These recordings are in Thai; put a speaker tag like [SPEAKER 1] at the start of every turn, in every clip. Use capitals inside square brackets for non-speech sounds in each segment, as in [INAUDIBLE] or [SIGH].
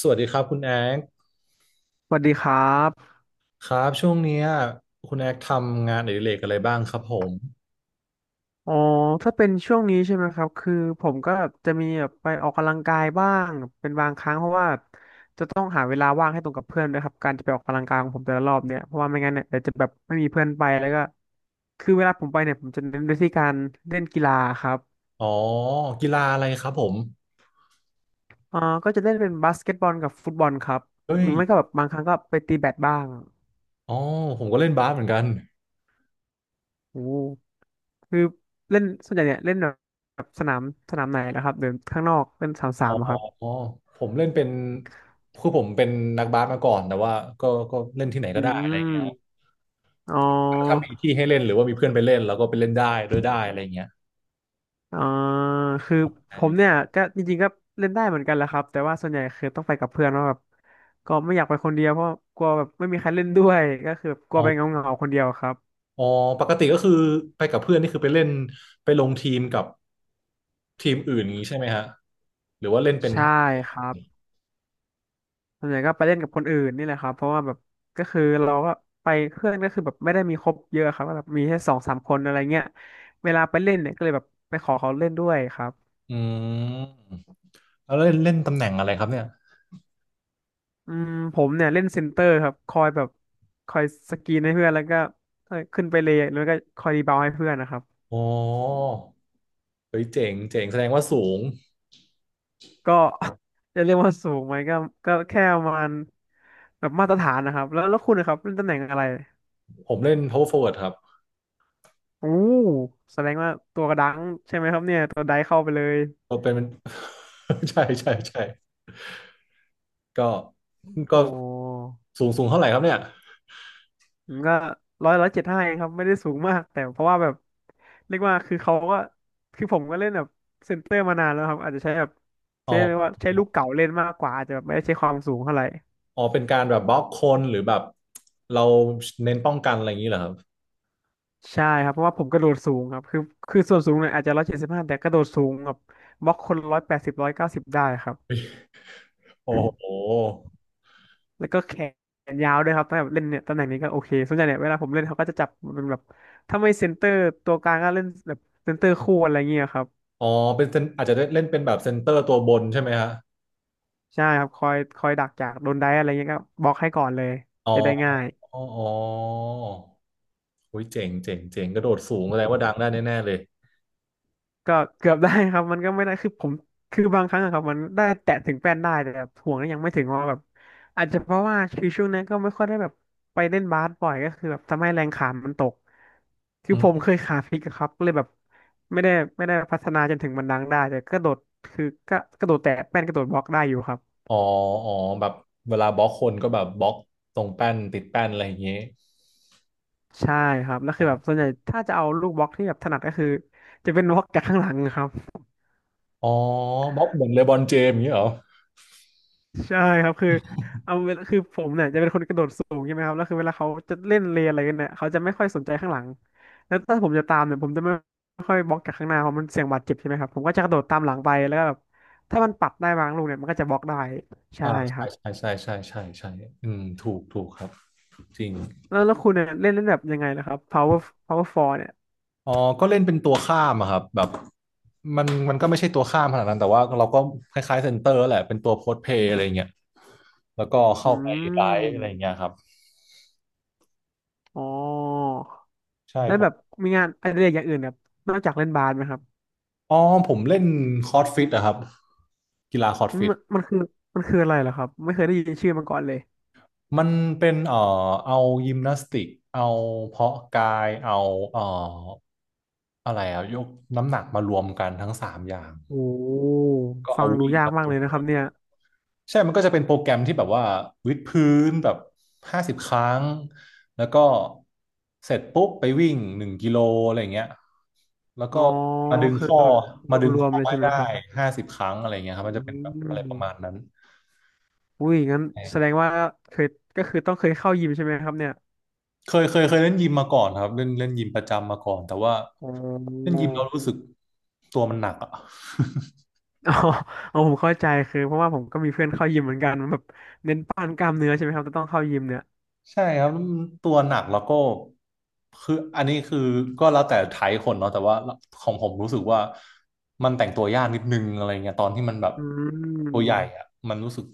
[SPEAKER 1] สวัสดีครับคุณแอ๊ก
[SPEAKER 2] สวัสดีครับ
[SPEAKER 1] ครับช่วงเนี้ยคุณแอ๊กทำงานอดิเรกอะไรบ้างครับผม
[SPEAKER 2] อ๋อถ้าเป็นช่วงนี้ใช่ไหมครับคือผมก็แบบจะมีแบบไปออกกำลังกายบ้างเป็นบางครั้งเพราะว่าจะต้องหาเวลาว่างให้ตรงกับเพื่อนด้วยครับการจะไปออกกำลังกายของผมแต่ละรอบเนี่ยเพราะว่าไม่งั้นเนี่ยเดี๋ยวจะแบบไม่มีเพื่อนไปแล้วก็คือเวลาผมไปเนี่ยผมจะเน้นไปที่การเล่นกีฬาครับ
[SPEAKER 1] อ๋อกีฬาอะไรครับผม
[SPEAKER 2] อ่าก็จะเล่นเป็นบาสเกตบอลกับฟุตบอลครับ
[SPEAKER 1] เฮ้
[SPEAKER 2] หรื
[SPEAKER 1] ย
[SPEAKER 2] อไม่ก็แบบบางครั้งก็ไปตีแบดบ้าง
[SPEAKER 1] อ๋อผมก็เล่นบาสเหมือนกัน
[SPEAKER 2] โอ้คือเล่นส่วนใหญ่เนี่ยเล่นแบบสนามสนามไหนนะครับเดินข้างนอกเล่นสนามสา
[SPEAKER 1] อ๋
[SPEAKER 2] มเหรอค
[SPEAKER 1] อ
[SPEAKER 2] รับ
[SPEAKER 1] ผมเล่นเป็นคือผมเป็นนักบาสมาก่อนแต่ว่าก็เล่นที่ไหน
[SPEAKER 2] อื
[SPEAKER 1] ก็ได้อะไรเงี้ยครับ
[SPEAKER 2] ม อ๋อ
[SPEAKER 1] ถ้ามีที่ให้เล่นหรือว่ามีเพื่อนไปเล่นเราก็ไปเล่นได้ด้วยได้อะไรเงี้ย
[SPEAKER 2] อ่าคือผม
[SPEAKER 1] เออ
[SPEAKER 2] เนี่ยก็จริงๆก็เล่นได้เหมือนกันแหละครับแต่ว่าส่วนใหญ่คือต้องไปกับเพื่อนเพราะแบบก็ไม่อยากไปคนเดียวเพราะกลัวแบบไม่มีใครเล่นด้วยก็คือแบบกลั
[SPEAKER 1] อ๋อ
[SPEAKER 2] วไปเหงาๆคนเดียวครับ
[SPEAKER 1] อ๋อปกติก็คือไปกับเพื่อนนี่คือไปเล่นไปลงทีมกับทีมอื่นอย่างงี้ใช่ไหมฮะหรือว่าเล่นเป็น
[SPEAKER 2] ใช่ครับส่วนใหญ่ก็ไปเล่นกับคนอื่นนี่แหละครับเพราะว่าแบบก็คือเราก็ไปเพื่อนก็คือแบบไม่ได้มีครบเยอะครับก็แบบมีแค่สองสามคนอะไรเงี้ยเวลาไปเล่นเนี่ยก็เลยแบบไปขอเขาเล่นด้วยครับ
[SPEAKER 1] อืมแล้วเล่นเล่นตำแหน่งอะไรครับเนี่ย
[SPEAKER 2] อืมผมเนี่ยเล่นเซนเตอร์ครับคอยแบบคอยสกรีนให้เพื่อนแล้วก็ขึ้นไปเลยแล้วก็คอยรีบาวด์ให้เพื่อนนะครับ
[SPEAKER 1] อ๋อเฮ้ยเจ๋งเจ๋งแสดงว่าสูง
[SPEAKER 2] ก็ [LAUGHS] จะเรียกว่าสูงไหมก็ก็แค่ประมาณแบบมาตรฐานนะครับแล้วคุณนะครับเล่นตำแหน่งอะไร
[SPEAKER 1] ผมเล่น power forward ครับ
[SPEAKER 2] โอ้แสดงว่าตัวกระดังใช่ไหมครับเนี่ยตัวไดเข้าไปเลย
[SPEAKER 1] ก็เป็น [LAUGHS] ใช่ใช่ใช่ก็ก็
[SPEAKER 2] โอ้
[SPEAKER 1] สูงสูงเท่าไหร่ครับเนี่ย
[SPEAKER 2] ผมก็ร้อยเจ็ดห้าเองครับไม่ได้สูงมากแต่เพราะว่าแบบเรียกว่าคือเขาก็คือผมก็เล่นแบบเซนเตอร์มานานแล้วครับอาจจะใช้แบบ
[SPEAKER 1] อ๋
[SPEAKER 2] ใช้เรียก
[SPEAKER 1] อ
[SPEAKER 2] ว่าใช้ลูกเก่าเล่นมากกว่าอาจจะแบบไม่ได้ใช้ความสูงเท่าไหร่
[SPEAKER 1] อ๋อเป็นการแบบบล็อกคนหรือแบบเราเน้นป้องกันอะไรอย่างนี้เหรอครับ
[SPEAKER 2] ใช่ครับเพราะว่าผมกระโดดสูงครับคือคือส่วนสูงเนี่ยอาจจะ175แต่กระโดดสูงแบบบล็อกคน180190ได้ครับ
[SPEAKER 1] โอ้โห
[SPEAKER 2] แล้วก็แขนยาวด้วยครับถ้าแบบเล่นเนี่ยตำแหน่งนี้ก็โอเคส่วนใหญ่เนี่ยเวลาผมเล่นเขาก็จะจับเป็นแบบถ้าไม่เซนเตอร์ตัวกลางก็เล่นแบบเซนเตอร์คู่อะไรเงี้ยครับ
[SPEAKER 1] อ๋อเป็นเซนอาจจะเล่นเป็นแบบเซนเตอร์ตัวบนใช่ไหมฮะ
[SPEAKER 2] ใช่ครับคอยดักจากโดนได้อะไรเงี้ยก็บล็อกให้ก่อนเลย
[SPEAKER 1] อ๋อ
[SPEAKER 2] จะได้ง่าย
[SPEAKER 1] อ๋ออ๋อโอ้ยเจ๋งเจ๋งเจ๋งกระโดดสูงแสดงว่าดังได้แน่ๆเลย
[SPEAKER 2] ก็เกือบได้ครับมันก็ไม่ได้คือผมคือบางครั้งอะครับมันได้แตะถึงแป้นได้แต่แบบห่วงก็ยังไม่ถึงว่าแบบอาจจะเพราะว่าคือช่วงนั้นก็ไม่ค่อยได้แบบไปเล่นบาสบ่อยก็คือแบบทำให้แรงขามันตกคือผมเคยขาพลิกอะครับก็เลยแบบไม่ได้ไม่ได้พัฒนาจนถึงมันดังได้แต่กระโดดคือก็กระโดดแตะแป้นกระโดดบล็อกได้อยู่ครับ
[SPEAKER 1] อ๋ออ๋อแบบเวลาบล็อกคนก็แบบบล็อกตรงแป้นติดแป้นอะไรอย่างเงี้ย
[SPEAKER 2] ใช่ครับแล้วคือแบบส่วนใหญ่ถ้าจะเอาลูกบล็อกที่แบบถนัดก็คือจะเป็นบล็อกจากข้างหลังครับ
[SPEAKER 1] อ๋อบล็อกเหมือนเลบรอนเจมส์อย่างเงี้ยเหรอ
[SPEAKER 2] ใช่ครับคือเอาเวลาคือผมเนี่ยจะเป็นคนกระโดดสูงใช่ไหมครับแล้วคือเวลาเขาจะเล่นเลนอะไรกันเนี่ยเขาจะไม่ค่อยสนใจข้างหลังแล้วถ้าผมจะตามเนี่ยผมจะไม่ค่อยบล็อกจากข้างหน้าเพราะมันเสี่ยงบาดเจ็บใช่ไหมครับผมก็จะกระโดดตามหลังไปแล้วก็แบบถ้ามันปัดได้บางลูกเนี่ยมันก็จะบล็อกได้ใช่
[SPEAKER 1] อ่า
[SPEAKER 2] ค
[SPEAKER 1] ใช่
[SPEAKER 2] รับ
[SPEAKER 1] ใช่ ใช่ใช่ใช่ใช่อืมถูกถูกครับจริง
[SPEAKER 2] แล้วคุณเนี่ยเล่นเล่นแบบยังไงนะครับ power power four เนี่ย
[SPEAKER 1] อ๋อ ก็เล่นเป็นตัวข้ามอะครับแบบมันก็ไม่ใช่ตัวข้ามขนาดนั้นแต่ว่าเราก็คล้ายๆเซนเตอร์แหละเป็นตัวโพสเพย์อะไรเงี้ยแล้วก็
[SPEAKER 2] อื
[SPEAKER 1] เข้าไปไลฟ์อะไร
[SPEAKER 2] ม
[SPEAKER 1] เงี้ยครับ
[SPEAKER 2] อ๋อ
[SPEAKER 1] ใช่
[SPEAKER 2] แล้ว
[SPEAKER 1] ผ
[SPEAKER 2] แบ
[SPEAKER 1] ม
[SPEAKER 2] บมีงานอดิเรกอย่างอื่นแบบนอกจากเล่นบาสไหมครับ
[SPEAKER 1] อ๋อผมเล่นคอร์ดฟิตอะครับกีฬาคอร์ด
[SPEAKER 2] อืม
[SPEAKER 1] ฟิต
[SPEAKER 2] มันคือมันคืออะไรเหรอครับไม่เคยได้ยินชื่อมาก่อนเลย
[SPEAKER 1] มันเป็นเอายิมนาสติกเอาเพาะกาย เอาเอ่ออะไรอะยกน้ำหนักมารวมกันทั้งสามอย่าง
[SPEAKER 2] โอ้
[SPEAKER 1] ก็
[SPEAKER 2] ฟั
[SPEAKER 1] เอา
[SPEAKER 2] งดู
[SPEAKER 1] วิ่ง
[SPEAKER 2] ยาก
[SPEAKER 1] มา
[SPEAKER 2] มา
[SPEAKER 1] ร
[SPEAKER 2] กเล
[SPEAKER 1] วม
[SPEAKER 2] ยนะ
[SPEAKER 1] กั
[SPEAKER 2] ครับ
[SPEAKER 1] น
[SPEAKER 2] เนี่ย
[SPEAKER 1] ใช่มันก็จะเป็นโปรแกรมที่แบบว่าวิดพื้นแบบห้าสิบครั้งแล้วก็เสร็จปุ๊บไปวิ่ง1 กิโลอะไรอย่างเงี้ยแล้ว
[SPEAKER 2] อ๋
[SPEAKER 1] ก็
[SPEAKER 2] อ
[SPEAKER 1] มาดึง
[SPEAKER 2] คือ
[SPEAKER 1] ข้อ
[SPEAKER 2] แบบ
[SPEAKER 1] มาดึง
[SPEAKER 2] รวม
[SPEAKER 1] ข้
[SPEAKER 2] ๆ
[SPEAKER 1] อ
[SPEAKER 2] เลย
[SPEAKER 1] ให้
[SPEAKER 2] ใช่ไหม
[SPEAKER 1] ได้
[SPEAKER 2] ครับ
[SPEAKER 1] ห้าสิบครั้งอะไรเงี้ยครับ
[SPEAKER 2] อื
[SPEAKER 1] มันจะเป็นแบบอะไรประมาณ
[SPEAKER 2] ม
[SPEAKER 1] นั้น
[SPEAKER 2] อุ้ยงั้นแสดงว่าเคยก็คือต้องเคยเข้ายิมใช่ไหมครับเนี่ย
[SPEAKER 1] เคยเคยเคยเล่นยิมมาก่อนครับเล่นเล่นยิมประจำมาก่อนแต่ว่า
[SPEAKER 2] อ๋
[SPEAKER 1] เล่น
[SPEAKER 2] อ
[SPEAKER 1] ยิมเรารู้สึกตัวมันหนักอ่ะ
[SPEAKER 2] อ๋อเอาผมเข้าใจคือเพราะว่าผมก็มีเพื่อนเข้ายิมเหมือนกันมันแบบเน้นปั้นกล้ามเนื้อใช่ไหมครับแต่ต้องเข้ายิมเนี่ย
[SPEAKER 1] [LAUGHS] ใช่ครับตัวหนักแล้วก็คืออันนี้คือก็แล้วแต่ไทป์คนเนาะแต่ว่าของผมรู้สึกว่ามันแต่งตัวยากนิดนึงอะไรเงี้ยตอนที่มันแบบ
[SPEAKER 2] อื
[SPEAKER 1] ตัวใหญ่
[SPEAKER 2] ม
[SPEAKER 1] อ่ะมันรู้สึก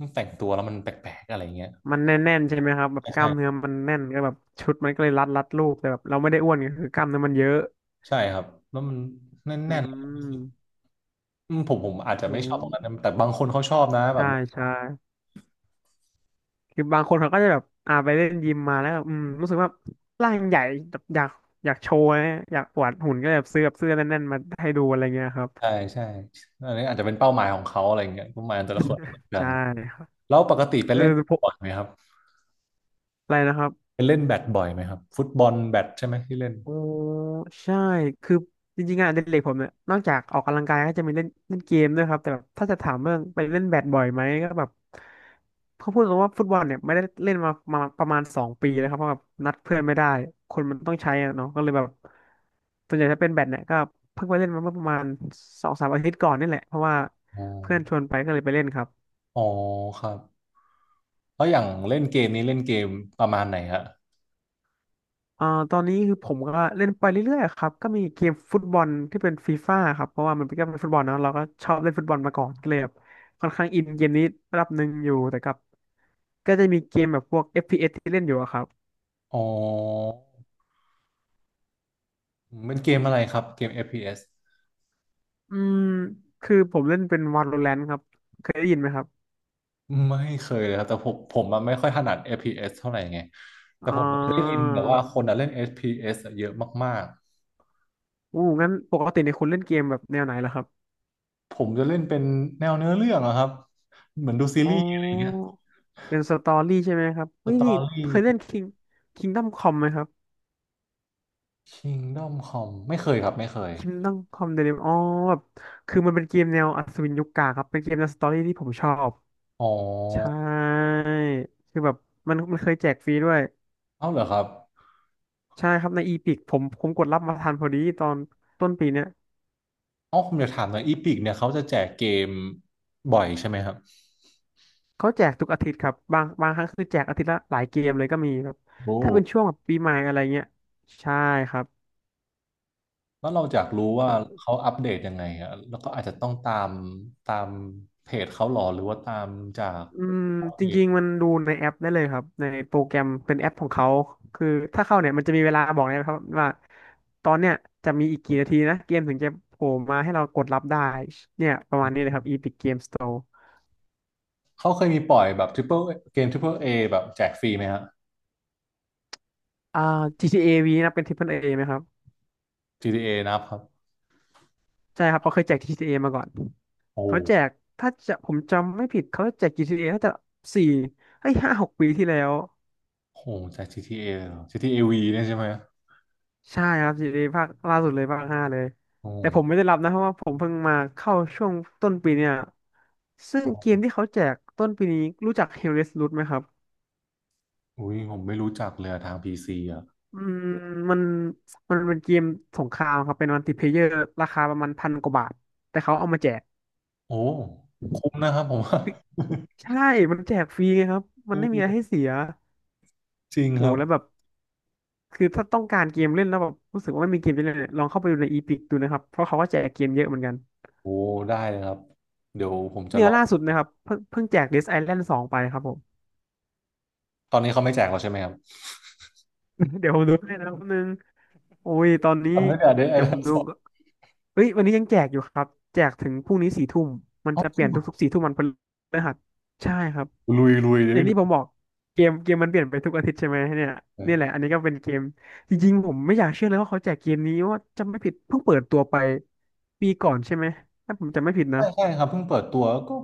[SPEAKER 1] มันแต่งตัวแล้วมันแปลกๆอะไรเงี้ย
[SPEAKER 2] มันแน่นๆใช่ไหมครับแบบ
[SPEAKER 1] ใช่
[SPEAKER 2] กล้ามเนื้
[SPEAKER 1] ใช่
[SPEAKER 2] อมันแน่นก็แบบชุดมันก็เลยรัดรูปแต่แบบเราไม่ได้อ้วนไงคือกล้ามเนื้อมันเยอะ
[SPEAKER 1] ใช่ครับแล้วมัน
[SPEAKER 2] อื
[SPEAKER 1] แน่น
[SPEAKER 2] ม
[SPEAKER 1] ๆอืมผมอาจจะ
[SPEAKER 2] อื
[SPEAKER 1] ไม่ชอบตรงนั้นนะ
[SPEAKER 2] ม
[SPEAKER 1] แต่บางคนเขาชอบนะแบ
[SPEAKER 2] ใช่
[SPEAKER 1] บ
[SPEAKER 2] ใช่ คือบางคนเขาก็จะแบบไปเล่นยิมมาแล้วแบบรู้สึกว่าร่างใหญ่แบบอยากโชว์นะอยากอวดหุ่นก็แบบซื้อแบบเสื้อแน่นๆมาให้ดูอะไรเงี้ยครับ
[SPEAKER 1] ใช่ใช่อันนี้อาจจะเป็นเป้าหมายของเขาอะไรอย่างเงี้ยเป้าหมายของแต่ละคนไม่เหมือน
[SPEAKER 2] [LAUGHS]
[SPEAKER 1] กัน
[SPEAKER 2] ใช่ครับ
[SPEAKER 1] แล้วปกติไป
[SPEAKER 2] เออ
[SPEAKER 1] เล่น
[SPEAKER 2] พวก
[SPEAKER 1] บ่อยไหมครับ
[SPEAKER 2] อะไรนะครับ
[SPEAKER 1] ไปเล่นแบดบ่อยไหมครับฟุตบอลแบดใช่ไหมที่เล่น
[SPEAKER 2] อ๋อใช่คือจริงๆงานอดิเรกผมเนี่ยนอกจากออกกำลังกายก็จะมีเล่นเล่นเกมด้วยครับแต่แบบถ้าจะถามเรื่องไปเล่นแบดบ่อยไหมก็แบบเขาพูดตรงว่าฟุตบอลเนี่ยไม่ได้เล่นมาประมาณสองปีแล้วครับเพราะแบบนัดเพื่อนไม่ได้คนมันต้องใช้อะเนาะก็เลยแบบส่วนใหญ่ถ้าเป็นแบดเนี่ยก็เพิ่งไปเล่นมาเมื่อประมาณสองสามอาทิตย์ก่อนนี่แหละเพราะว่า
[SPEAKER 1] อ๋อ
[SPEAKER 2] เพื่อนชวนไปก็เลยไปเล่นครับ
[SPEAKER 1] อ๋อครับแล้วอย่างเล่นเกมนี้เล่นเกมประมาณไหนฮะ
[SPEAKER 2] อ่าตอนนี้คือผมก็เล่นไปเรื่อยๆครับก็มีเกมฟุตบอลที่เป็นฟีฟ่าครับเพราะว่ามันเป็นก็เป็นฟุตบอลเนอะเราก็ชอบเล่นฟุตบอลมาก่อนก็เลยแบบค่อนข้างอินเกมนี้ระดับหนึ่งอยู่แต่กับก็จะมีเกมแบบพวก FPS ที่เล่นอยู่อะครับ
[SPEAKER 1] อ๋อเป็นเกมอะไรครับเกมเอฟพีเอส
[SPEAKER 2] อืมคือผมเล่นเป็น Valorant ครับเคยได้ยินไหมครับ
[SPEAKER 1] ไม่เคยเลยครับแต่ผมผมอะไม่ค่อยถนัด f พีเอสเท่าไหร่ไงแต่
[SPEAKER 2] อ่
[SPEAKER 1] ผมได้ยินแต่ว่า
[SPEAKER 2] า
[SPEAKER 1] คนอะเล่นเอฟพี s อสอะเยอะมาก
[SPEAKER 2] อู้งั้นปกติในยคุณเล่นเกมแบบแนวไหนล่ะครับ
[SPEAKER 1] ๆผมจะเล่นเป็นแนวเนื้อเรื่องอะครับเหมือนดูซี
[SPEAKER 2] อ๋อ
[SPEAKER 1] รีส์อะไรอย่างเงี้ย
[SPEAKER 2] เป็นสตอรี่ใช่ไหมครับ
[SPEAKER 1] ส
[SPEAKER 2] เฮ้ย
[SPEAKER 1] ต
[SPEAKER 2] นี่
[SPEAKER 1] อรี่
[SPEAKER 2] เคยเล่น Kingdom Come ไหมครับ
[SPEAKER 1] Kingdom c o m ไม่เคยครับไม่เคย
[SPEAKER 2] คิตดองคอมเดลิมอ๋อแบบคือมันเป็นเกมแนวอัศวินยุคกลางครับเป็นเกมแนวสตอรี่ที่ผมชอบ
[SPEAKER 1] อ๋อ
[SPEAKER 2] ใช่คือแบบมันมันเคยแจกฟรีด้วย
[SPEAKER 1] เอ้าเหรอครับ
[SPEAKER 2] ใช่ครับในอีพิกผมกดรับมาทันพอดีตอนต้นปีเนี้ย
[SPEAKER 1] เอ้าผมอยากถามหน่อยอีพิกเนี่ยเขาจะแจกเกมบ่อยใช่ไหมครับ
[SPEAKER 2] เขาแจกทุกอาทิตย์ครับบางครั้งคือแจกอาทิตย์ละหลายเกมเลยก็มีครับ
[SPEAKER 1] โอ้
[SPEAKER 2] ถ้าเป็นช่วงแบบปีใหม่อะไรเงี้ยใช่ครับ
[SPEAKER 1] แล้วเราอยากรู้ว่าเขาอัปเดตยังไงอะแล้วก็อาจจะต้องตามเพจเขาหรอหรือว่าตามจาก
[SPEAKER 2] อืม
[SPEAKER 1] เพ
[SPEAKER 2] จ
[SPEAKER 1] จ
[SPEAKER 2] ริงๆมันดูในแอปได้เลยครับในโปรแกรมเป็นแอปของเขาคือถ้าเข้าเนี่ยมันจะมีเวลาบอกนะครับว่าตอนเนี้ยจะมีอีกกี่นาทีนะเกมถึงจะโผล่มาให้เรากดรับได้เนี่ยประมาณนี้เลยครับ Epic Game Store
[SPEAKER 1] เขาเคยมีปล่อยแบบทริปเปิลเกมทริปเปิลเอแบบแจกฟรีไหมฮะ
[SPEAKER 2] อ่า GTA V นะเป็น Triple A ไหมครับ
[SPEAKER 1] GTA นะครับ
[SPEAKER 2] ใช่ครับเขาเคยแจก GTA มาก่อน
[SPEAKER 1] โอ้
[SPEAKER 2] เขาแจกถ้าจะผมจำไม่ผิดเขาแจก GTA น่าจะสี่เฮ้ยห้าหกปีที่แล้ว
[SPEAKER 1] โหแจก GTA เอเลยเหรอ GTA V เนี่ยใช่ไหม
[SPEAKER 2] ใช่ครับซีรีส์ภาคล่าสุดเลยภาคห้าเลย
[SPEAKER 1] โอ้โ
[SPEAKER 2] แต่ผมไม่ได้รับนะเพราะว่าผมเพิ่งมาเข้าช่วงต้นปีเนี่ยซึ่งเก
[SPEAKER 1] ห
[SPEAKER 2] มที่เขาแจกต้นปีนี้รู้จัก Hell's Root ไหมครับ
[SPEAKER 1] อุ้ยผมไม่รู้จักเลยอะทางพีซีอ่ะ
[SPEAKER 2] อืมมันมันเป็นเกมสงครามครับเป็นมัลติเพลเยอร์ราคาประมาณพันกว่าบาทแต่เขาเอามาแจก
[SPEAKER 1] โอ้คุ้มนะครับผมว่า
[SPEAKER 2] ใช่ มันแจกฟรีไงครับมั
[SPEAKER 1] อื
[SPEAKER 2] นไม่มีอะ
[SPEAKER 1] ม
[SPEAKER 2] ไรให้เสีย
[SPEAKER 1] จริงค
[SPEAKER 2] โอ้
[SPEAKER 1] รับ
[SPEAKER 2] แล้วแบบคือถ้าต้องการเกมเล่นแล้วแบบรู้สึกว่าไม่มีเกมจะเล่นเนี่ยลองเข้าไปดูในอีพิกดูนะครับเพราะเขาก็แจกเกมเยอะเหมือนกัน
[SPEAKER 1] โอ้ได้เลยครับเดี๋ยวผมจะ
[SPEAKER 2] เนี่
[SPEAKER 1] ล
[SPEAKER 2] ย
[SPEAKER 1] อง
[SPEAKER 2] ล่าสุดนะครับเพิ่งแจก Dead Island สองไปครับผม
[SPEAKER 1] ตอนนี้เขาไม่แจกแล้วใช่ไหมครับ
[SPEAKER 2] [LAUGHS] เดี๋ยวผมดูให้นะครับแป๊บนึงโอ้ยตอนนี้
[SPEAKER 1] ทำได้งแต่เดยไอ้
[SPEAKER 2] เดี๋ยวผ
[SPEAKER 1] เ่า
[SPEAKER 2] มดู
[SPEAKER 1] สด
[SPEAKER 2] ก่อนเอ้ยวันนี้ยังแจกอยู่ครับแจกถึงพรุ่งนี้สี่ทุ่มมัน
[SPEAKER 1] อ๋อ
[SPEAKER 2] จะเป
[SPEAKER 1] จริ
[SPEAKER 2] ลี่
[SPEAKER 1] ง
[SPEAKER 2] ยน
[SPEAKER 1] เหรอ
[SPEAKER 2] ทุกๆสี่ทุ่มวันพฤหัสใช่ครับ
[SPEAKER 1] ลุยลุยเดี๋ย
[SPEAKER 2] อ
[SPEAKER 1] ว
[SPEAKER 2] ย่า
[SPEAKER 1] ได้
[SPEAKER 2] งที่ผ
[SPEAKER 1] ดู
[SPEAKER 2] มบอกเกมมันเปลี่ยนไปทุกอาทิตย์ใช่ไหมเนี่ย
[SPEAKER 1] เล
[SPEAKER 2] นี่
[SPEAKER 1] ย
[SPEAKER 2] แหละอันนี้ก็เป็นเกมจริงๆผมไม่อยากเชื่อเลยว่าเขาแจกเกมนี้ว่าจะไม่ผิดเพิ่งเปิดตัวไปปีก่อนใช่ไหมถ้าผมจะไม่ผิดนะ
[SPEAKER 1] ใช่ใช่ครับเพิ่งเปิดตัวก็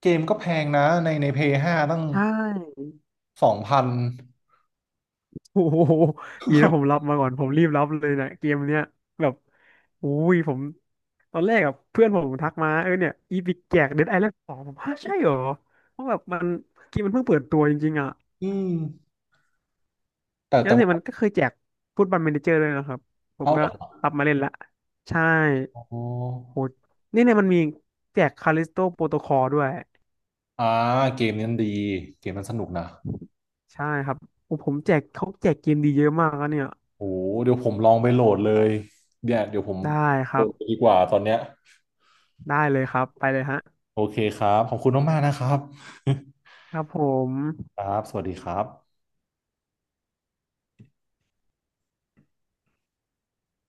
[SPEAKER 1] เกมก็แพงนะในในเพย์ห้าตั้ง
[SPEAKER 2] ใช่
[SPEAKER 1] 2,000
[SPEAKER 2] โอ้โหดีนะผมรับมาก่อนผมรีบรับเลยนะเกมเนี้ยแบบอุ้ยผมตอนแรกอะเพื่อนผมทักมาเออเนี่ยอีพิกแจกเดดไอแลนด์สองผมฮะใช่เหรอเพราะแบบมันเกมมันเพิ่งเปิดตัวจริงๆอ่ะ
[SPEAKER 1] [LAUGHS] อืมแต่
[SPEAKER 2] แล้
[SPEAKER 1] แต่
[SPEAKER 2] วเนี่ย
[SPEAKER 1] ว่า
[SPEAKER 2] มันก็เคยแจกฟุตบอล m มเนเจอร์ด้วยนะครับผม
[SPEAKER 1] เอาเห
[SPEAKER 2] ก็
[SPEAKER 1] รอ
[SPEAKER 2] รับมาเล่นละใช่
[SPEAKER 1] โอ้
[SPEAKER 2] โหนี่เนี่ยมันมีแจกคาลิสโตโปรโตคอลด้วย
[SPEAKER 1] อ่าเกมนี้มันดีเกมมันสนุกนะ
[SPEAKER 2] ใช่ครับโอ้ผมแจกเขาแจกเกมดีเยอะมากนะเนี่ย
[SPEAKER 1] โอ้เดี๋ยวผมลองไปโหลดเลยเดี๋ยวเดี๋ยวผม
[SPEAKER 2] ได้ค
[SPEAKER 1] โหล
[SPEAKER 2] รับ
[SPEAKER 1] ดดีกว่าตอนเนี้ย
[SPEAKER 2] ได้เลยครับไปเลยฮะ
[SPEAKER 1] โอเคครับ ขอบคุณมากๆนะครับ
[SPEAKER 2] ครับผม
[SPEAKER 1] [LAUGHS] ครับ สวัสดีครับ